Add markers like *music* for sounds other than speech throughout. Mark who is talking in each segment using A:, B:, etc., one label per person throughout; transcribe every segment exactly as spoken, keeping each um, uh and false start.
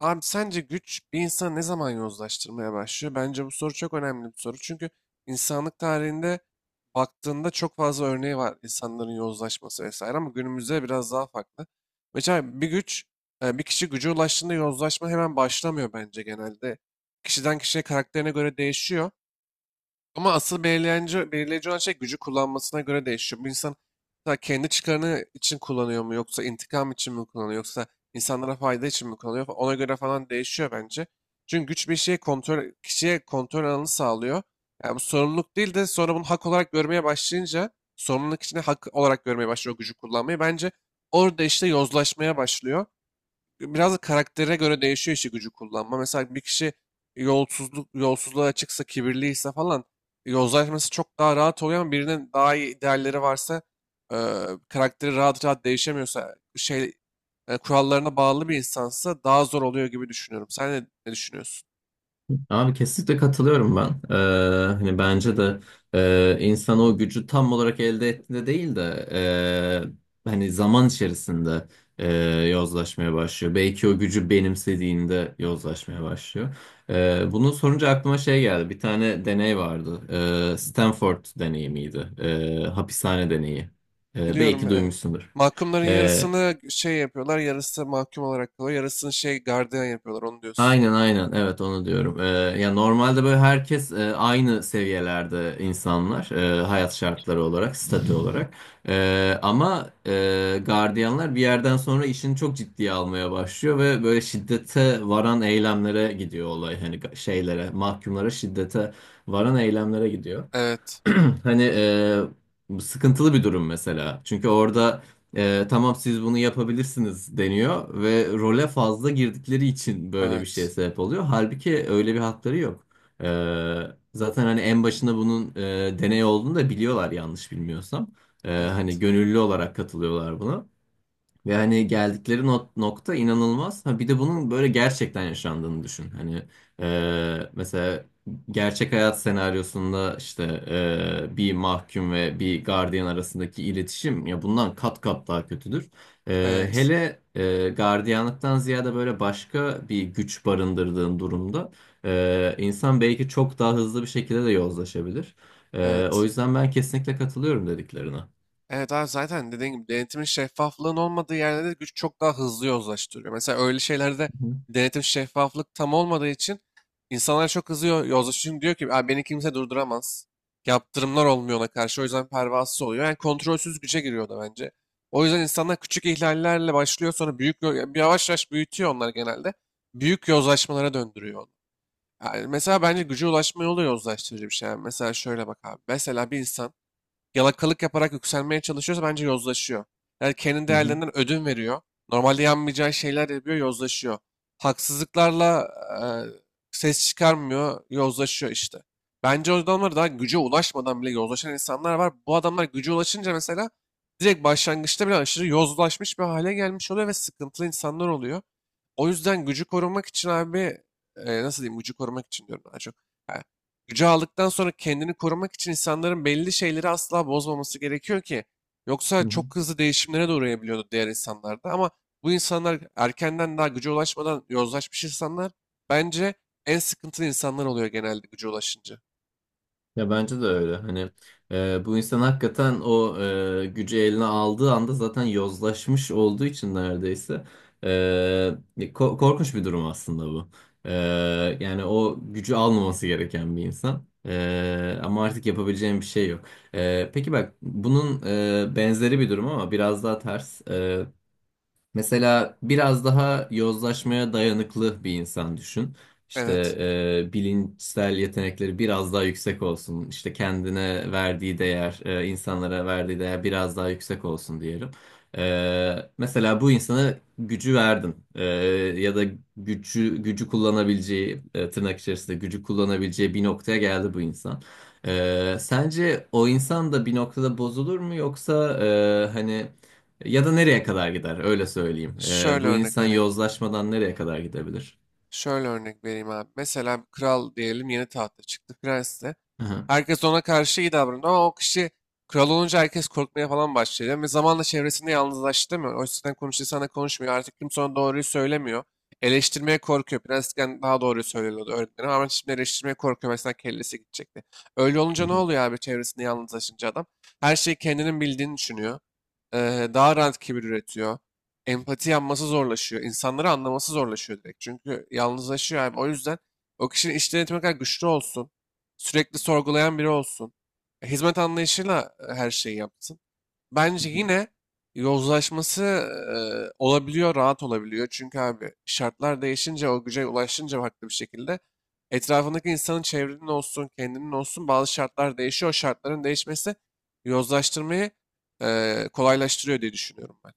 A: Abi sence güç bir insanı ne zaman yozlaştırmaya başlıyor? Bence bu soru çok önemli bir soru. Çünkü insanlık tarihinde baktığında çok fazla örneği var insanların yozlaşması vesaire ama günümüzde biraz daha farklı. Mesela bir güç, e, bir kişi güce ulaştığında yozlaşma hemen başlamıyor bence genelde. Kişiden kişiye karakterine göre değişiyor. Ama asıl belirleyici, belirleyici olan şey gücü kullanmasına göre değişiyor. Bu insan mesela kendi çıkarını için kullanıyor mu yoksa intikam için mi kullanıyor yoksa insanlara fayda için mi kullanıyor fa- ona göre falan değişiyor bence. Çünkü güç bir şeye kontrol, kişiye kontrol alanı sağlıyor. Yani bu sorumluluk değil de sonra bunu hak olarak görmeye başlayınca sorumluluk içinde hak olarak görmeye başlıyor o gücü kullanmayı. Bence orada işte yozlaşmaya başlıyor biraz da karaktere göre değişiyor işi gücü kullanma. Mesela bir kişi yolsuzluk, yolsuzluğa açıksa, kibirliyse falan yozlaşması çok daha rahat oluyor ama birinin daha iyi değerleri varsa e, karakteri rahat rahat değişemiyorsa şey e, kurallarına bağlı bir insansa daha zor oluyor gibi düşünüyorum. Sen ne, ne düşünüyorsun?
B: Abi kesinlikle katılıyorum ben. Ee, hani bence de e, insan o gücü tam olarak elde ettiğinde değil de e, hani zaman içerisinde e, yozlaşmaya başlıyor. Belki o gücü benimsediğinde yozlaşmaya başlıyor. E, bunu sorunca aklıma şey geldi. Bir tane deney vardı. E, Stanford deneyi miydi? E, hapishane deneyi. E,
A: Biliyorum,
B: belki
A: e,
B: duymuşsundur.
A: mahkumların
B: Ee,
A: yarısını şey yapıyorlar, yarısı mahkum olarak kalıyor, yarısını şey gardiyan yapıyorlar onu diyorsun.
B: Aynen, aynen, evet, onu diyorum. Ee, ya normalde böyle herkes e, aynı seviyelerde insanlar, e, hayat şartları olarak, statü olarak. Ee, ama e, gardiyanlar bir yerden sonra işini çok ciddiye almaya başlıyor ve böyle şiddete varan eylemlere gidiyor olay. Hani ga- şeylere, mahkumlara şiddete varan eylemlere gidiyor.
A: Evet,
B: *clears throat* Hani e, bu sıkıntılı bir durum mesela. Çünkü orada e, tamam siz bunu yapabilirsiniz deniyor ve role fazla girdikleri için böyle bir şeye
A: evet,
B: sebep oluyor. Halbuki öyle bir hakları yok. E, Zaten hani en başında bunun e, deney olduğunu da biliyorlar yanlış bilmiyorsam. E, hani
A: evet,
B: gönüllü olarak katılıyorlar buna. Yani geldikleri not, nokta inanılmaz. Ha, bir de bunun böyle gerçekten yaşandığını düşün. Hani e, mesela gerçek hayat senaryosunda işte e, bir mahkum ve bir gardiyan arasındaki iletişim ya bundan kat kat daha kötüdür. E,
A: evet,
B: hele e, gardiyanlıktan ziyade böyle başka bir güç barındırdığın durumda e, insan belki çok daha hızlı bir şekilde de yozlaşabilir. E, o
A: evet.
B: yüzden ben kesinlikle katılıyorum dediklerine. Hı
A: Evet abi, zaten dediğim gibi denetimin şeffaflığın olmadığı yerlerde güç çok daha hızlı yozlaştırıyor. Mesela öyle şeylerde
B: hı,
A: denetim şeffaflık tam olmadığı için insanlar çok hızlı yo- yozlaşıyor. Çünkü diyor ki "Aa, beni kimse durduramaz. Yaptırımlar olmuyor ona karşı o yüzden pervasız oluyor. Yani kontrolsüz güce giriyor da bence. O yüzden insanlar küçük ihlallerle başlıyor sonra büyük yo- yani yavaş yavaş büyütüyor onlar genelde. Büyük yozlaşmalara döndürüyor onu. Yani mesela bence güce ulaşma yolu da yozlaştırıcı bir şey. Yani mesela şöyle bak abi. Mesela bir insan yalakalık yaparak yükselmeye çalışıyorsa bence yozlaşıyor. Yani kendi
B: hı hı,
A: değerlerinden ödün veriyor. Normalde yanmayacağı şeyler yapıyor, yozlaşıyor. Haksızlıklarla e, ses çıkarmıyor, yozlaşıyor işte. Bence o adamlar daha güce ulaşmadan bile yozlaşan insanlar var. Bu adamlar güce ulaşınca mesela direkt başlangıçta bile aşırı yozlaşmış bir hale gelmiş oluyor ve sıkıntılı insanlar oluyor. O yüzden gücü korumak için abi, e, nasıl diyeyim gücü korumak için diyorum daha çok. Ha, gücü aldıktan sonra kendini korumak için insanların belli şeyleri asla bozmaması gerekiyor ki. Yoksa
B: hı hı.
A: çok hızlı değişimlere de uğrayabiliyordu diğer insanlarda. Ama bu insanlar erkenden daha güce ulaşmadan yozlaşmış insanlar bence en sıkıntılı insanlar oluyor genelde güce ulaşınca.
B: Ya bence de öyle. Hani e, bu insan hakikaten o e, gücü eline aldığı anda zaten yozlaşmış olduğu için neredeyse e, ko- korkunç bir durum aslında bu. E, Yani o gücü almaması gereken bir insan. E, ama artık yapabileceğim bir şey yok. E, peki bak bunun e, benzeri bir durum ama biraz daha ters. Mesela biraz daha yozlaşmaya dayanıklı bir insan düşün. İşte
A: Evet.
B: e, bilinçsel yetenekleri biraz daha yüksek olsun. İşte kendine verdiği değer, e, insanlara verdiği değer biraz daha yüksek olsun diyelim. E, mesela bu insana gücü verdin. E, ya da gücü gücü kullanabileceği, e, tırnak içerisinde gücü kullanabileceği bir noktaya geldi bu insan. E, sence o insan da bir noktada bozulur mu, yoksa e, hani ya da nereye kadar gider? Öyle söyleyeyim. Ee,
A: Şöyle
B: bu
A: örnek
B: insan
A: vereyim.
B: yozlaşmadan nereye kadar gidebilir?
A: Şöyle örnek vereyim abi. Mesela bir kral diyelim yeni tahta çıktı prens de.
B: Aha.
A: Herkes ona karşı iyi davranıyor ama o kişi kral olunca herkes korkmaya falan başlıyor. Ve zamanla çevresinde yalnızlaştı mı? O yüzden konuştuğu sana konuşmuyor. Artık kimse ona doğruyu söylemiyor. Eleştirmeye korkuyor. Prensken daha doğruyu söylüyordu öğretmenim ama şimdi eleştirmeye korkuyor. Mesela kellesi gidecekti. Öyle
B: Hı
A: olunca ne oluyor abi çevresinde yalnızlaşınca adam? Her şeyi kendinin bildiğini düşünüyor. Ee, daha rahat kibir üretiyor, empati yapması zorlaşıyor. İnsanları anlaması zorlaşıyor direkt. Çünkü yalnızlaşıyor abi. O yüzden o kişinin iş denetimi kadar güçlü olsun. Sürekli sorgulayan biri olsun. e, Hizmet anlayışıyla e, her şeyi yapsın. Bence
B: hı.
A: yine yozlaşması e, olabiliyor, rahat olabiliyor. Çünkü abi şartlar değişince, o güce ulaşınca farklı bir şekilde etrafındaki insanın çevrenin olsun, kendinin olsun bazı şartlar değişiyor. O şartların değişmesi yozlaştırmayı e, kolaylaştırıyor diye düşünüyorum ben.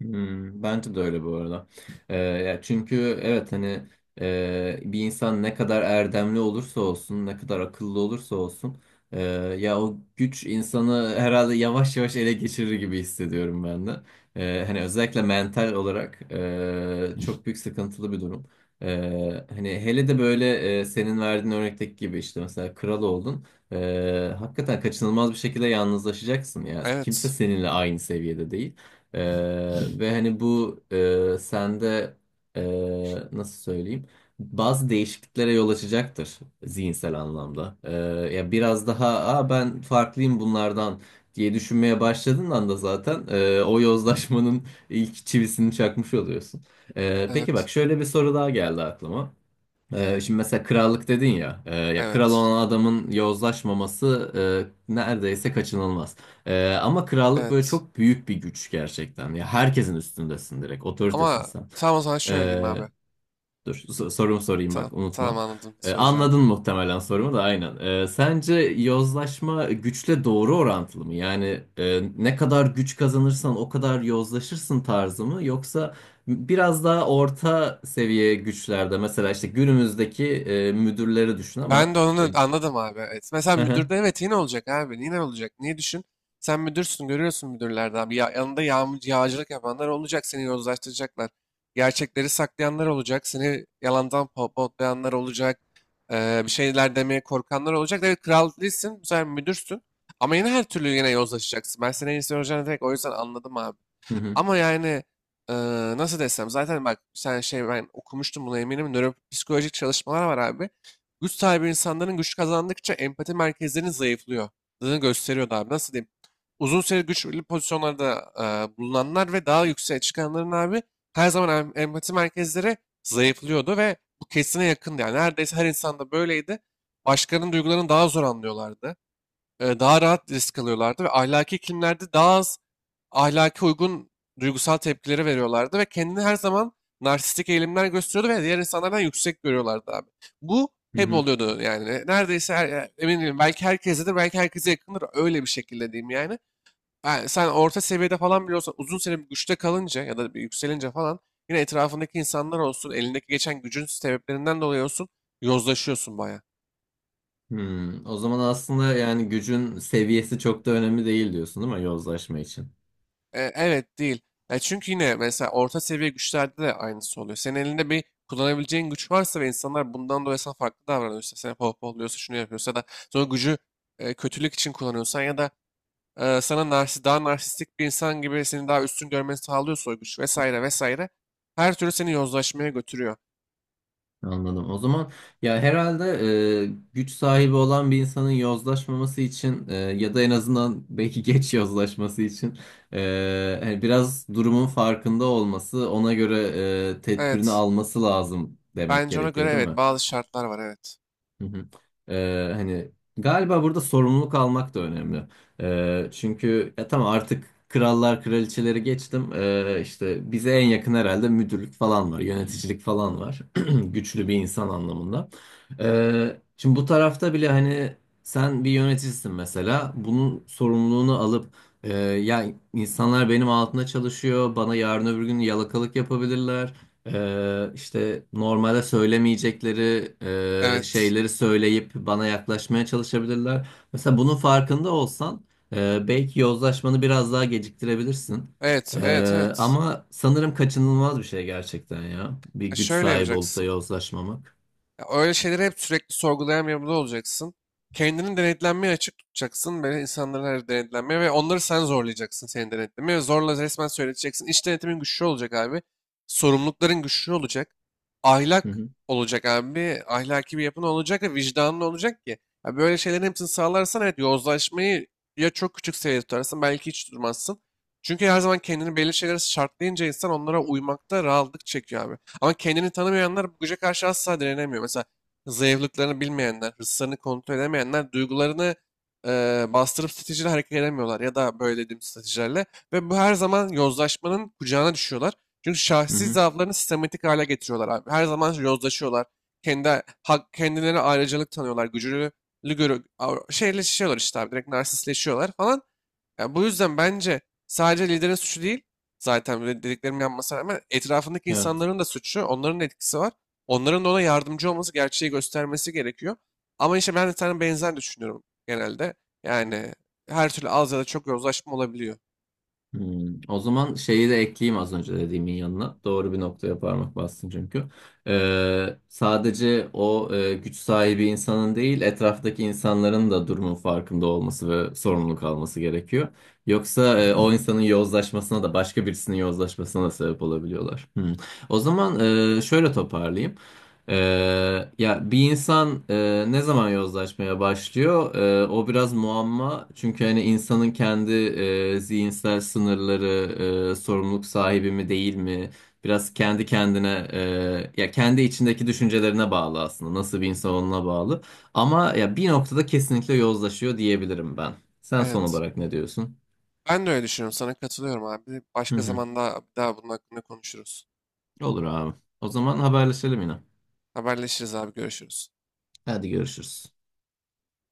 B: Hmm, bence de öyle bu arada. Ee, ya çünkü evet, hani e, bir insan ne kadar erdemli olursa olsun, ne kadar akıllı olursa olsun, e, ya o güç insanı herhalde yavaş yavaş ele geçirir gibi hissediyorum ben de. E, hani özellikle mental olarak e, çok büyük sıkıntılı bir durum. E, hani hele de böyle e, senin verdiğin örnekteki gibi işte mesela kral oldun. E, hakikaten kaçınılmaz bir şekilde yalnızlaşacaksın ya. Kimse
A: Evet.
B: seninle aynı seviyede değil. Ee, ve hani bu e, sende e, nasıl söyleyeyim, bazı değişikliklere yol açacaktır zihinsel anlamda. Ee, ya biraz daha, "Aa, ben farklıyım bunlardan" diye düşünmeye başladığın anda zaten e, o yozlaşmanın ilk çivisini çakmış oluyorsun. Ee, peki bak
A: Evet.
B: şöyle bir soru daha geldi aklıma. Ee, şimdi mesela krallık dedin ya, e, ya kral
A: Evet.
B: olan adamın yozlaşmaması e, neredeyse kaçınılmaz. E, ama krallık böyle
A: Evet.
B: çok büyük bir güç gerçekten. Ya herkesin üstündesin direkt, otoritesin
A: Ama
B: sen.
A: tamam o zaman şöyle diyeyim
B: E,
A: abi.
B: Dur, so- sorumu sorayım
A: Tamam.
B: bak,
A: Tamam
B: unutma.
A: anladım ne
B: Ee,
A: soracağını.
B: anladın muhtemelen sorumu da aynen. Ee, sence yozlaşma güçle doğru orantılı mı? Yani e, ne kadar güç kazanırsan o kadar yozlaşırsın tarzı mı? Yoksa biraz daha orta seviye güçlerde mesela işte günümüzdeki e, müdürleri düşün ama...
A: Ben de
B: e,
A: onu anladım abi. Evet. Mesela müdürde
B: *laughs*
A: evet yine olacak abi. Yine olacak. Niye düşün? Sen müdürsün görüyorsun müdürlerden abi. Ya, yanında yağm yağcılık yapanlar olacak. Seni yozlaştıracaklar. Gerçekleri saklayanlar olacak. Seni yalandan potlayanlar olacak. Ee, bir şeyler demeye korkanlar olacak. Evet kral değilsin. Bu sefer müdürsün. Ama yine her türlü yine yozlaşacaksın. Ben seni en iyisi soracağını direkt o yüzden anladım abi.
B: Hı hı, hı hı,
A: Ama yani eee, nasıl desem zaten bak sen şey ben okumuştum buna eminim. Nöropsikolojik çalışmalar var abi. Güç sahibi insanların güç kazandıkça empati merkezlerinin zayıflıyor. Gösteriyordu abi. Nasıl diyeyim? Uzun süre güçlü pozisyonlarda eee, bulunanlar ve daha yükseğe çıkanların abi her zaman em- empati merkezleri zayıflıyordu ve bu kesine yakındı. Yani neredeyse her insanda böyleydi. Başkalarının duygularını daha zor anlıyorlardı. Eee, daha rahat risk alıyorlardı ve ahlaki iklimlerde daha az ahlaki uygun duygusal tepkileri veriyorlardı ve kendini her zaman narsistik eğilimler gösteriyordu ve diğer insanlardan yüksek görüyorlardı abi. Bu hep
B: hı
A: oluyordu yani. Neredeyse her, e, emin değilim. Belki herkestedir, belki herkese yakındır. Öyle bir şekilde diyeyim yani. Ha, sen orta seviyede falan bile olsan uzun süre bir güçte kalınca ya da bir yükselince falan yine etrafındaki insanlar olsun, elindeki geçen gücün sebeplerinden dolayı olsun yozlaşıyorsun bayağı.
B: hı, hı. O zaman aslında yani gücün seviyesi çok da önemli değil diyorsun, değil mi yozlaşma için?
A: E, evet değil. Ya çünkü yine mesela orta seviye güçlerde de aynısı oluyor. Senin elinde bir kullanabileceğin güç varsa ve insanlar bundan dolayı sana farklı davranıyorsa, seni pohpohluyorsa, şunu yapıyorsa da sonra gücü e, kötülük için kullanıyorsan ya da e, sana narsi, daha narsistik bir insan gibi seni daha üstün görmeni sağlıyorsa o güç vesaire vesaire her türlü seni yozlaşmaya götürüyor.
B: Anladım. O zaman ya herhalde e, güç sahibi olan bir insanın yozlaşmaması için e, ya da en azından belki *laughs* geç yozlaşması için e, hani biraz durumun farkında olması, ona göre e, tedbirini
A: Evet.
B: alması lazım demek
A: Bence ona göre
B: gerekiyor, değil
A: evet
B: mi?
A: bazı şartlar var evet.
B: Hı hı. Ee, hani galiba burada sorumluluk almak da önemli. Ee, çünkü ya tamam, artık krallar kraliçeleri geçtim. Ee, işte bize en yakın herhalde müdürlük falan var, yöneticilik falan var. *clears throat* Güçlü bir insan anlamında. Ee, şimdi bu tarafta bile hani sen bir yöneticisin mesela. Bunun sorumluluğunu alıp e, ya insanlar benim altında çalışıyor, bana yarın öbür gün yalakalık yapabilirler. Ee, işte normalde söylemeyecekleri e,
A: Evet.
B: şeyleri söyleyip bana yaklaşmaya çalışabilirler. Mesela bunun farkında olsan e, belki yozlaşmanı biraz daha geciktirebilirsin.
A: Evet, evet,
B: Ee,
A: evet.
B: ama sanırım kaçınılmaz bir şey gerçekten ya. Bir
A: E,
B: güç
A: şöyle
B: sahibi olup da
A: yapacaksın.
B: yozlaşmamak.
A: Ya öyle şeyleri hep sürekli sorgulayan bir yapıda olacaksın. Kendini denetlenmeye açık tutacaksın. Böyle insanların her denetlenmeye ve onları sen zorlayacaksın seni denetlemeye. Ve zorla resmen söyleteceksin. İç denetimin güçlü olacak abi. Sorumlulukların güçlü olacak.
B: Hı
A: Ahlak
B: hı.
A: olacak abi. Ahlaki bir yapın olacak ve vicdanın olacak ki. Ya böyle şeylerin hepsini sağlarsan evet yozlaşmayı ya çok küçük seviyede tutarsın belki hiç durmazsın. Çünkü her zaman kendini belli şeylere şartlayınca insan onlara uymakta rahatlık çekiyor abi. Ama kendini tanımayanlar bu güce karşı asla direnemiyor. Mesela zayıflıklarını bilmeyenler, hırslarını kontrol edemeyenler, duygularını eee, bastırıp stratejiyle hareket edemiyorlar ya da böyle dediğim stratejilerle. Ve bu her zaman yozlaşmanın kucağına düşüyorlar. Çünkü
B: Hı
A: şahsi
B: hı.
A: zaaflarını sistematik hale getiriyorlar abi. Her zaman yozlaşıyorlar. Kendi hak, kendilerine ayrıcalık tanıyorlar. Gücünü görü, av- şeyleşiyorlar işte abi. Direkt narsistleşiyorlar falan. Yani bu yüzden bence sadece liderin suçu değil, zaten böyle dediklerimi yapmasına rağmen etrafındaki
B: Evet.
A: insanların da suçu, onların da etkisi var. Onların da ona yardımcı olması, gerçeği göstermesi gerekiyor. Ama işte ben de sana benzer düşünüyorum genelde. Yani her türlü az ya da çok yozlaşma olabiliyor.
B: Hmm, o zaman şeyi de ekleyeyim az önce dediğimin yanına. Doğru bir noktaya parmak bastın çünkü. Ee, sadece o e, güç sahibi insanın değil, etraftaki insanların da durumun farkında olması ve sorumluluk alması gerekiyor. Yoksa e, o insanın yozlaşmasına da başka birisinin yozlaşmasına da sebep olabiliyorlar. Hmm. O zaman e, şöyle toparlayayım. Ee, Ya bir insan e, ne zaman yozlaşmaya başlıyor? Ee, o biraz muamma. Çünkü hani insanın kendi e, zihinsel sınırları, e, sorumluluk sahibi mi değil mi? Biraz kendi kendine, e, ya kendi içindeki düşüncelerine bağlı aslında. Nasıl bir insan olduğuna bağlı. Ama ya bir noktada kesinlikle yozlaşıyor diyebilirim ben. Sen son
A: Evet.
B: olarak ne diyorsun?
A: Ben de öyle düşünüyorum. Sana katılıyorum abi.
B: Hı
A: Başka
B: hı.
A: zaman daha, daha bunun hakkında konuşuruz.
B: Olur abi. O zaman haberleşelim yine.
A: Haberleşiriz abi. Görüşürüz.
B: Hadi, görüşürüz.